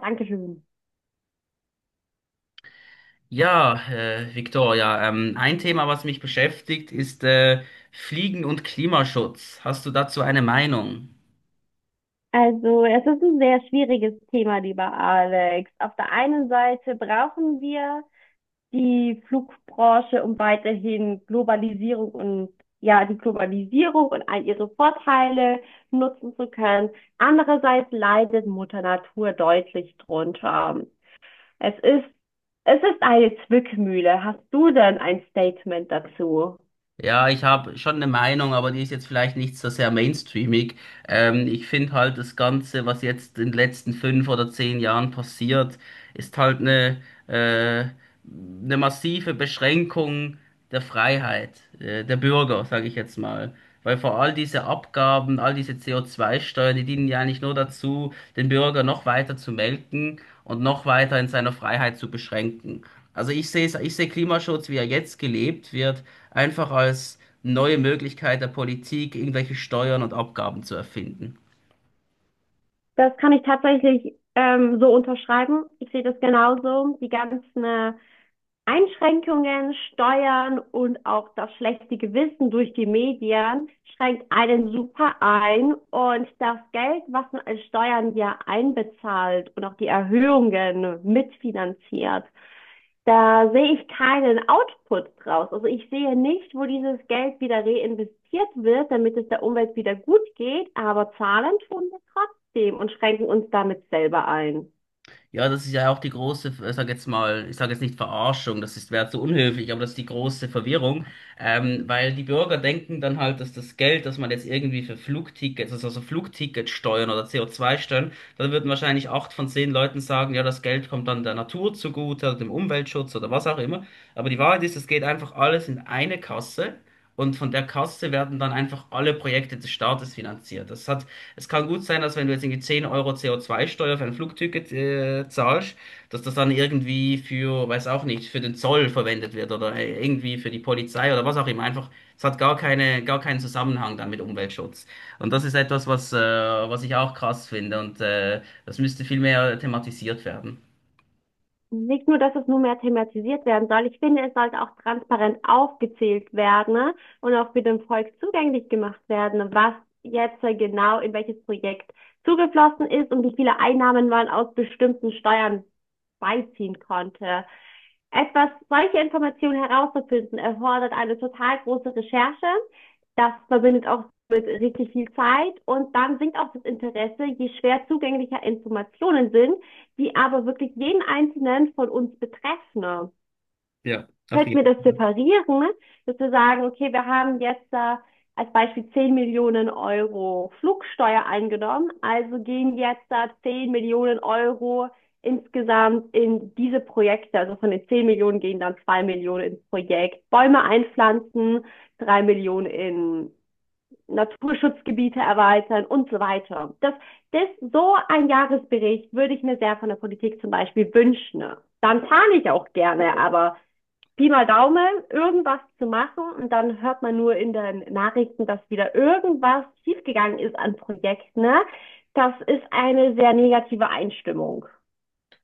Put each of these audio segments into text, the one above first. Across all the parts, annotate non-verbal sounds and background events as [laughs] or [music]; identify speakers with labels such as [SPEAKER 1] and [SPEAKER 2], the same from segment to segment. [SPEAKER 1] Dankeschön.
[SPEAKER 2] Ja, Victoria, ein Thema, was mich beschäftigt, ist Fliegen und Klimaschutz. Hast du dazu eine Meinung?
[SPEAKER 1] Also, es ist ein sehr schwieriges Thema, lieber Alex. Auf der einen Seite brauchen wir die Flugbranche, um weiterhin Globalisierung und ja, die Globalisierung und all ihre Vorteile nutzen zu können. Andererseits leidet Mutter Natur deutlich drunter. Es ist, Es ist eine Zwickmühle. Hast du denn ein Statement dazu?
[SPEAKER 2] Ja, ich habe schon eine Meinung, aber die ist jetzt vielleicht nicht so sehr mainstreamig. Ich finde halt das Ganze, was jetzt in den letzten fünf oder zehn Jahren passiert, ist halt äh, eine massive Beschränkung der Freiheit, der Bürger, sage ich jetzt mal. Weil vor all diese Abgaben, all diese CO2-Steuern, die dienen ja eigentlich nur dazu, den Bürger noch weiter zu melken und noch weiter in seiner Freiheit zu beschränken. Also ich sehe Klimaschutz, wie er jetzt gelebt wird, einfach als neue Möglichkeit der Politik, irgendwelche Steuern und Abgaben zu erfinden.
[SPEAKER 1] Das kann ich tatsächlich so unterschreiben. Ich sehe das genauso. Die ganzen Einschränkungen, Steuern und auch das schlechte Gewissen durch die Medien schränkt einen super ein und das Geld, was man als Steuern ja einbezahlt und auch die Erhöhungen mitfinanziert, da sehe ich keinen Output draus. Also ich sehe nicht, wo dieses Geld wieder reinvestiert wird, damit es der Umwelt wieder gut geht, aber zahlen tun wir trotzdem und schränken uns damit selber ein.
[SPEAKER 2] Ja, das ist ja auch die große, ich sag jetzt mal, ich sage jetzt nicht Verarschung, das ist, wäre zu unhöflich, aber das ist die große Verwirrung, weil die Bürger denken dann halt, dass das Geld, das man jetzt irgendwie für Flugtickets, also so Flugticketsteuern oder CO2-Steuern, dann würden wahrscheinlich 8 von 10 Leuten sagen, ja, das Geld kommt dann der Natur zugute oder dem Umweltschutz oder was auch immer. Aber die Wahrheit ist, es geht einfach alles in eine Kasse. Und von der Kasse werden dann einfach alle Projekte des Staates finanziert. Das hat, es kann gut sein, dass wenn du jetzt irgendwie 10 Euro co zwei steuer für ein Flugticket zahlst, dass das dann irgendwie für, weiß auch nicht, für den Zoll verwendet wird oder irgendwie für die Polizei oder was auch immer. Einfach, es hat gar keine, gar keinen Zusammenhang dann mit Umweltschutz. Und das ist etwas, was ich auch krass finde und das müsste viel mehr thematisiert werden.
[SPEAKER 1] Nicht nur, dass es nur mehr thematisiert werden soll, ich finde, es sollte auch transparent aufgezählt werden, ne? Und auch für den Volk zugänglich gemacht werden, was jetzt genau in welches Projekt zugeflossen ist und wie viele Einnahmen man aus bestimmten Steuern beiziehen konnte. Etwas, solche Informationen herauszufinden, erfordert eine total große Recherche. Das verbindet auch mit richtig viel Zeit und dann sinkt auch das Interesse, je schwer zugänglicher Informationen sind, die aber wirklich jeden Einzelnen von uns betreffen.
[SPEAKER 2] Ja, auf
[SPEAKER 1] Könnten wir
[SPEAKER 2] jeden
[SPEAKER 1] das
[SPEAKER 2] Fall.
[SPEAKER 1] separieren, ne? Dass wir sagen, okay, wir haben jetzt als Beispiel 10 Millionen Euro Flugsteuer eingenommen, also gehen jetzt da 10 Millionen Euro insgesamt in diese Projekte, also von den 10 Millionen gehen dann 2 Millionen ins Projekt Bäume einpflanzen, 3 Millionen in Naturschutzgebiete erweitern und so weiter. So ein Jahresbericht würde ich mir sehr von der Politik zum Beispiel wünschen. Dann zahle ich auch gerne, aber Pi mal Daumen, irgendwas zu machen und dann hört man nur in den Nachrichten, dass wieder irgendwas schiefgegangen ist an Projekten. Ne? Das ist eine sehr negative Einstimmung.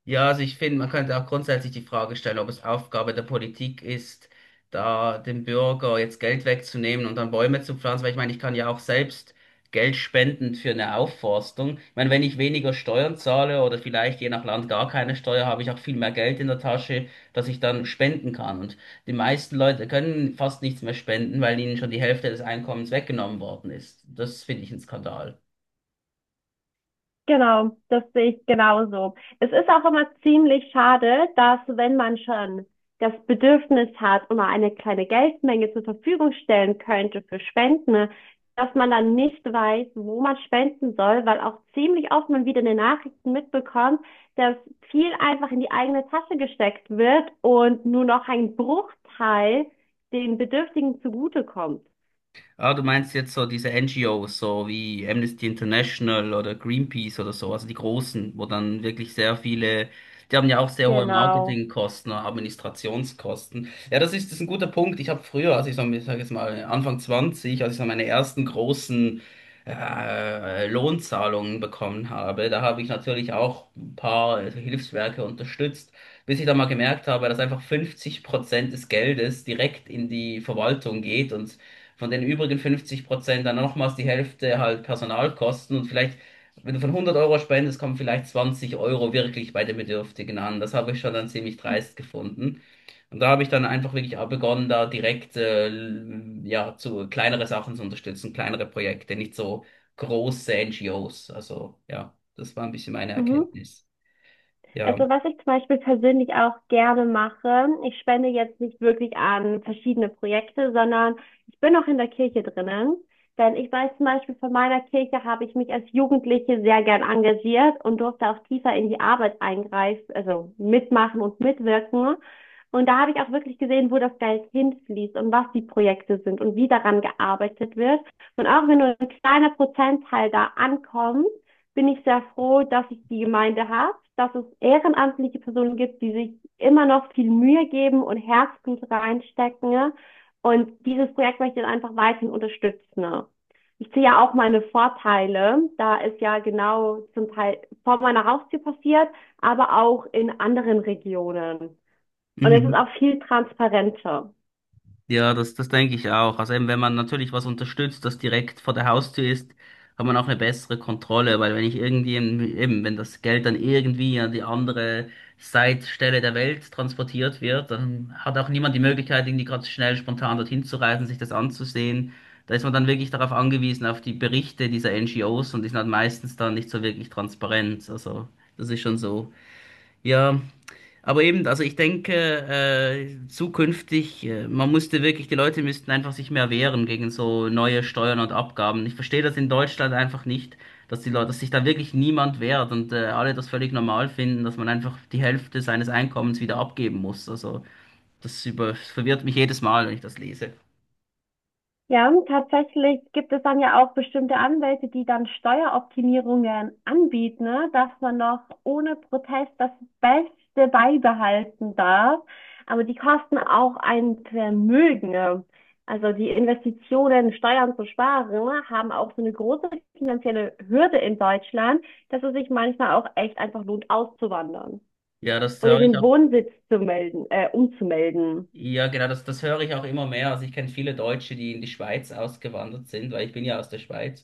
[SPEAKER 2] Ja, also ich finde, man könnte auch grundsätzlich die Frage stellen, ob es Aufgabe der Politik ist, da dem Bürger jetzt Geld wegzunehmen und dann Bäume zu pflanzen, weil ich meine, ich kann ja auch selbst Geld spenden für eine Aufforstung. Ich meine, wenn ich weniger Steuern zahle oder vielleicht je nach Land gar keine Steuer, habe ich auch viel mehr Geld in der Tasche, das ich dann spenden kann. Und die meisten Leute können fast nichts mehr spenden, weil ihnen schon die Hälfte des Einkommens weggenommen worden ist. Das finde ich ein Skandal.
[SPEAKER 1] Genau, das sehe ich genauso. Es ist auch immer ziemlich schade, dass wenn man schon das Bedürfnis hat und mal eine kleine Geldmenge zur Verfügung stellen könnte für Spenden, dass man dann nicht weiß, wo man spenden soll, weil auch ziemlich oft man wieder in den Nachrichten mitbekommt, dass viel einfach in die eigene Tasche gesteckt wird und nur noch ein Bruchteil den Bedürftigen zugutekommt.
[SPEAKER 2] Ah, du meinst jetzt so diese NGOs, so wie Amnesty International oder Greenpeace oder so, also die großen, wo dann wirklich sehr viele, die haben ja auch sehr hohe
[SPEAKER 1] Genau.
[SPEAKER 2] Marketingkosten, Administrationskosten. Ja, das ist ein guter Punkt. Ich habe früher, als ich so, ich sag jetzt mal Anfang 20, als ich so meine ersten großen Lohnzahlungen bekommen habe, da habe ich natürlich auch ein paar Hilfswerke unterstützt, bis ich dann mal gemerkt habe, dass einfach 50% des Geldes direkt in die Verwaltung geht und von den übrigen 50% dann nochmals die Hälfte halt Personalkosten und vielleicht, wenn du von 100 Euro spendest, kommen vielleicht 20 Euro wirklich bei den Bedürftigen an. Das habe ich schon dann ziemlich dreist gefunden. Und da habe ich dann einfach wirklich auch begonnen, da direkt ja, zu kleinere Sachen zu unterstützen, kleinere Projekte, nicht so große NGOs. Also ja, das war ein bisschen meine
[SPEAKER 1] Mhm.
[SPEAKER 2] Erkenntnis. Ja.
[SPEAKER 1] Also was ich zum Beispiel persönlich auch gerne mache, ich spende jetzt nicht wirklich an verschiedene Projekte, sondern ich bin auch in der Kirche drinnen. Denn ich weiß zum Beispiel, von meiner Kirche habe ich mich als Jugendliche sehr gern engagiert und durfte auch tiefer in die Arbeit eingreifen, also mitmachen und mitwirken. Und da habe ich auch wirklich gesehen, wo das Geld hinfließt und was die Projekte sind und wie daran gearbeitet wird. Und auch wenn nur ein kleiner Prozentteil da ankommt, bin ich sehr froh, dass ich die Gemeinde habe, dass es ehrenamtliche Personen gibt, die sich immer noch viel Mühe geben und Herzblut reinstecken, ne? Und dieses Projekt möchte ich dann einfach weiterhin unterstützen. Ich sehe ja auch meine Vorteile. Da ist ja genau zum Teil vor meiner Haustür passiert, aber auch in anderen Regionen. Und es ist
[SPEAKER 2] Mhm.
[SPEAKER 1] auch viel transparenter.
[SPEAKER 2] Ja, das denke ich auch. Also eben, wenn man natürlich was unterstützt, das direkt vor der Haustür ist, hat man auch eine bessere Kontrolle, weil wenn ich irgendwie, eben, wenn das Geld dann irgendwie an die andere Seitstelle der Welt transportiert wird, dann hat auch niemand die Möglichkeit, irgendwie gerade schnell spontan dorthin zu reisen, sich das anzusehen. Da ist man dann wirklich darauf angewiesen, auf die Berichte dieser NGOs und die sind halt meistens dann nicht so wirklich transparent. Also, das ist schon so. Ja, aber eben, also ich denke, zukünftig, man musste wirklich, die Leute müssten einfach sich mehr wehren gegen so neue Steuern und Abgaben. Ich verstehe das in Deutschland einfach nicht, dass die Leute, dass sich da wirklich niemand wehrt und alle das völlig normal finden, dass man einfach die Hälfte seines Einkommens wieder abgeben muss. Also das über, das verwirrt mich jedes Mal, wenn ich das lese.
[SPEAKER 1] Ja, tatsächlich gibt es dann ja auch bestimmte Anwälte, die dann Steueroptimierungen anbieten, ne, dass man noch ohne Protest das Beste beibehalten darf. Aber die kosten auch ein Vermögen, ne. Also die Investitionen, Steuern zu sparen, ne, haben auch so eine große finanzielle Hürde in Deutschland, dass es sich manchmal auch echt einfach lohnt, auszuwandern
[SPEAKER 2] Ja, das
[SPEAKER 1] oder
[SPEAKER 2] höre ich
[SPEAKER 1] den
[SPEAKER 2] auch.
[SPEAKER 1] Wohnsitz zu melden, umzumelden.
[SPEAKER 2] Ja, genau, das höre ich auch immer mehr. Also ich kenne viele Deutsche, die in die Schweiz ausgewandert sind, weil ich bin ja aus der Schweiz.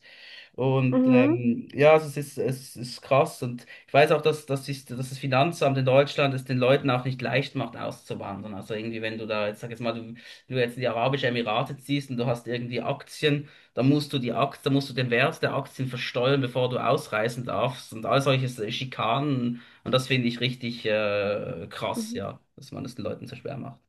[SPEAKER 2] Und
[SPEAKER 1] Mhm.
[SPEAKER 2] ja, also es ist krass. Und ich weiß auch, dass das Finanzamt in Deutschland es den Leuten auch nicht leicht macht, auszuwandern. Also irgendwie, wenn du da jetzt, sag jetzt mal, du jetzt in die Arabischen Emirate ziehst und du hast irgendwie Aktien, dann musst du die Aktien, dann musst du den Wert der Aktien versteuern, bevor du ausreisen darfst. Und all solche Schikanen. Und das finde ich richtig krass,
[SPEAKER 1] Mhm.
[SPEAKER 2] ja, dass man es den Leuten so schwer macht.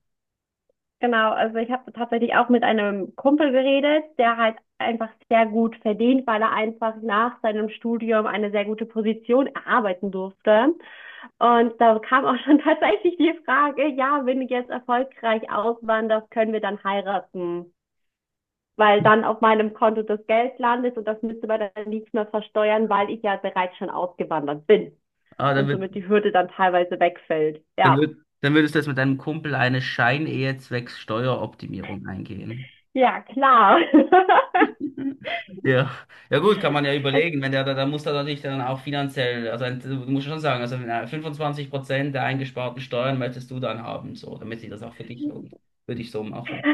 [SPEAKER 1] Genau, also ich habe tatsächlich auch mit einem Kumpel geredet, der halt einfach sehr gut verdient, weil er einfach nach seinem Studium eine sehr gute Position erarbeiten durfte. Und da kam auch schon [laughs] tatsächlich die Frage, ja, wenn ich jetzt erfolgreich auswanderst, können wir dann heiraten? Weil dann auf meinem Konto das Geld landet und das müsste man dann nicht mehr versteuern, weil ich ja bereits schon ausgewandert bin
[SPEAKER 2] Ah,
[SPEAKER 1] und somit die Hürde dann teilweise wegfällt. Ja,
[SPEAKER 2] dann würdest du jetzt mit deinem Kumpel eine Scheinehe zwecks Steueroptimierung eingehen.
[SPEAKER 1] ja, klar. [laughs]
[SPEAKER 2] [laughs] Ja, ja gut, kann man ja
[SPEAKER 1] Es
[SPEAKER 2] überlegen, wenn der, da muss da natürlich dann auch finanziell, also ein- du musst ja schon sagen, also 25% der eingesparten Steuern möchtest du dann haben, so, damit sich das auch für dich lohnt. Würde ich so machen.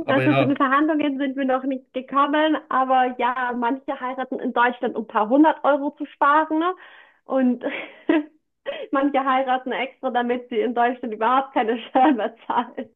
[SPEAKER 2] Aber
[SPEAKER 1] Also zu den
[SPEAKER 2] ja.
[SPEAKER 1] Verhandlungen sind wir noch nicht gekommen, aber ja, manche heiraten in Deutschland, um ein paar hundert Euro zu sparen, ne? Und [laughs] manche heiraten extra, damit sie in Deutschland überhaupt keine [laughs] Steuern mehr zahlen.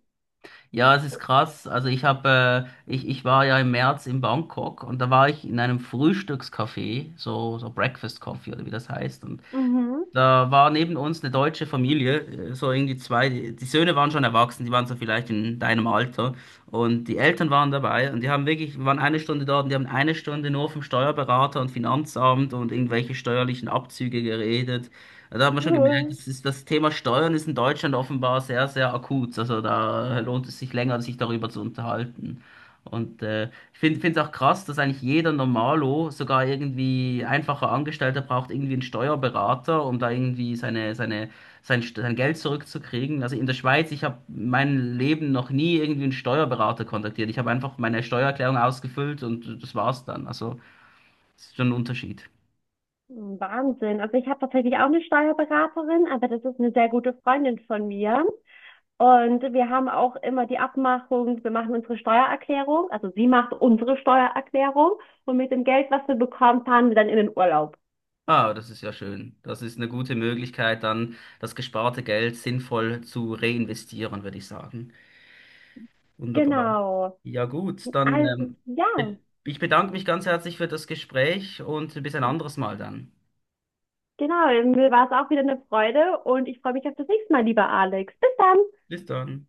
[SPEAKER 2] Ja, es ist krass. Also ich habe, ich war ja im März in Bangkok und da war ich in einem Frühstückscafé, so, so Breakfast Coffee oder wie das heißt. Und
[SPEAKER 1] Mhm.
[SPEAKER 2] da war neben uns eine deutsche Familie, so irgendwie zwei, die die Söhne waren schon erwachsen, die waren so vielleicht in deinem Alter und die Eltern waren dabei und die haben wirklich, waren eine Stunde dort und die haben eine Stunde nur vom Steuerberater und Finanzamt und irgendwelche steuerlichen Abzüge geredet. Da hat man schon gemerkt,
[SPEAKER 1] Cool.
[SPEAKER 2] das ist, das Thema Steuern ist in Deutschland offenbar sehr, sehr akut. Also da lohnt es sich länger, sich darüber zu unterhalten. Und ich finde es auch krass, dass eigentlich jeder Normalo, sogar irgendwie einfacher Angestellter, braucht irgendwie einen Steuerberater, um da irgendwie St- sein Geld zurückzukriegen. Also in der Schweiz, ich habe mein Leben noch nie irgendwie einen Steuerberater kontaktiert. Ich habe einfach meine Steuererklärung ausgefüllt und das war's dann. Also das ist schon ein Unterschied.
[SPEAKER 1] Wahnsinn. Also ich habe tatsächlich auch eine Steuerberaterin, aber das ist eine sehr gute Freundin von mir. Und wir haben auch immer die Abmachung, wir machen unsere Steuererklärung, also sie macht unsere Steuererklärung und mit dem Geld, was wir bekommen, fahren wir dann in den Urlaub.
[SPEAKER 2] Ah, das ist ja schön. Das ist eine gute Möglichkeit, dann das gesparte Geld sinnvoll zu reinvestieren, würde ich sagen. Wunderbar.
[SPEAKER 1] Genau.
[SPEAKER 2] Ja gut, dann
[SPEAKER 1] Also,
[SPEAKER 2] be-
[SPEAKER 1] ja,
[SPEAKER 2] ich bedanke mich ganz herzlich für das Gespräch und bis ein anderes Mal dann.
[SPEAKER 1] genau. Mir war es auch wieder eine Freude und ich freue mich auf das nächste Mal, lieber Alex. Bis dann.
[SPEAKER 2] Bis dann.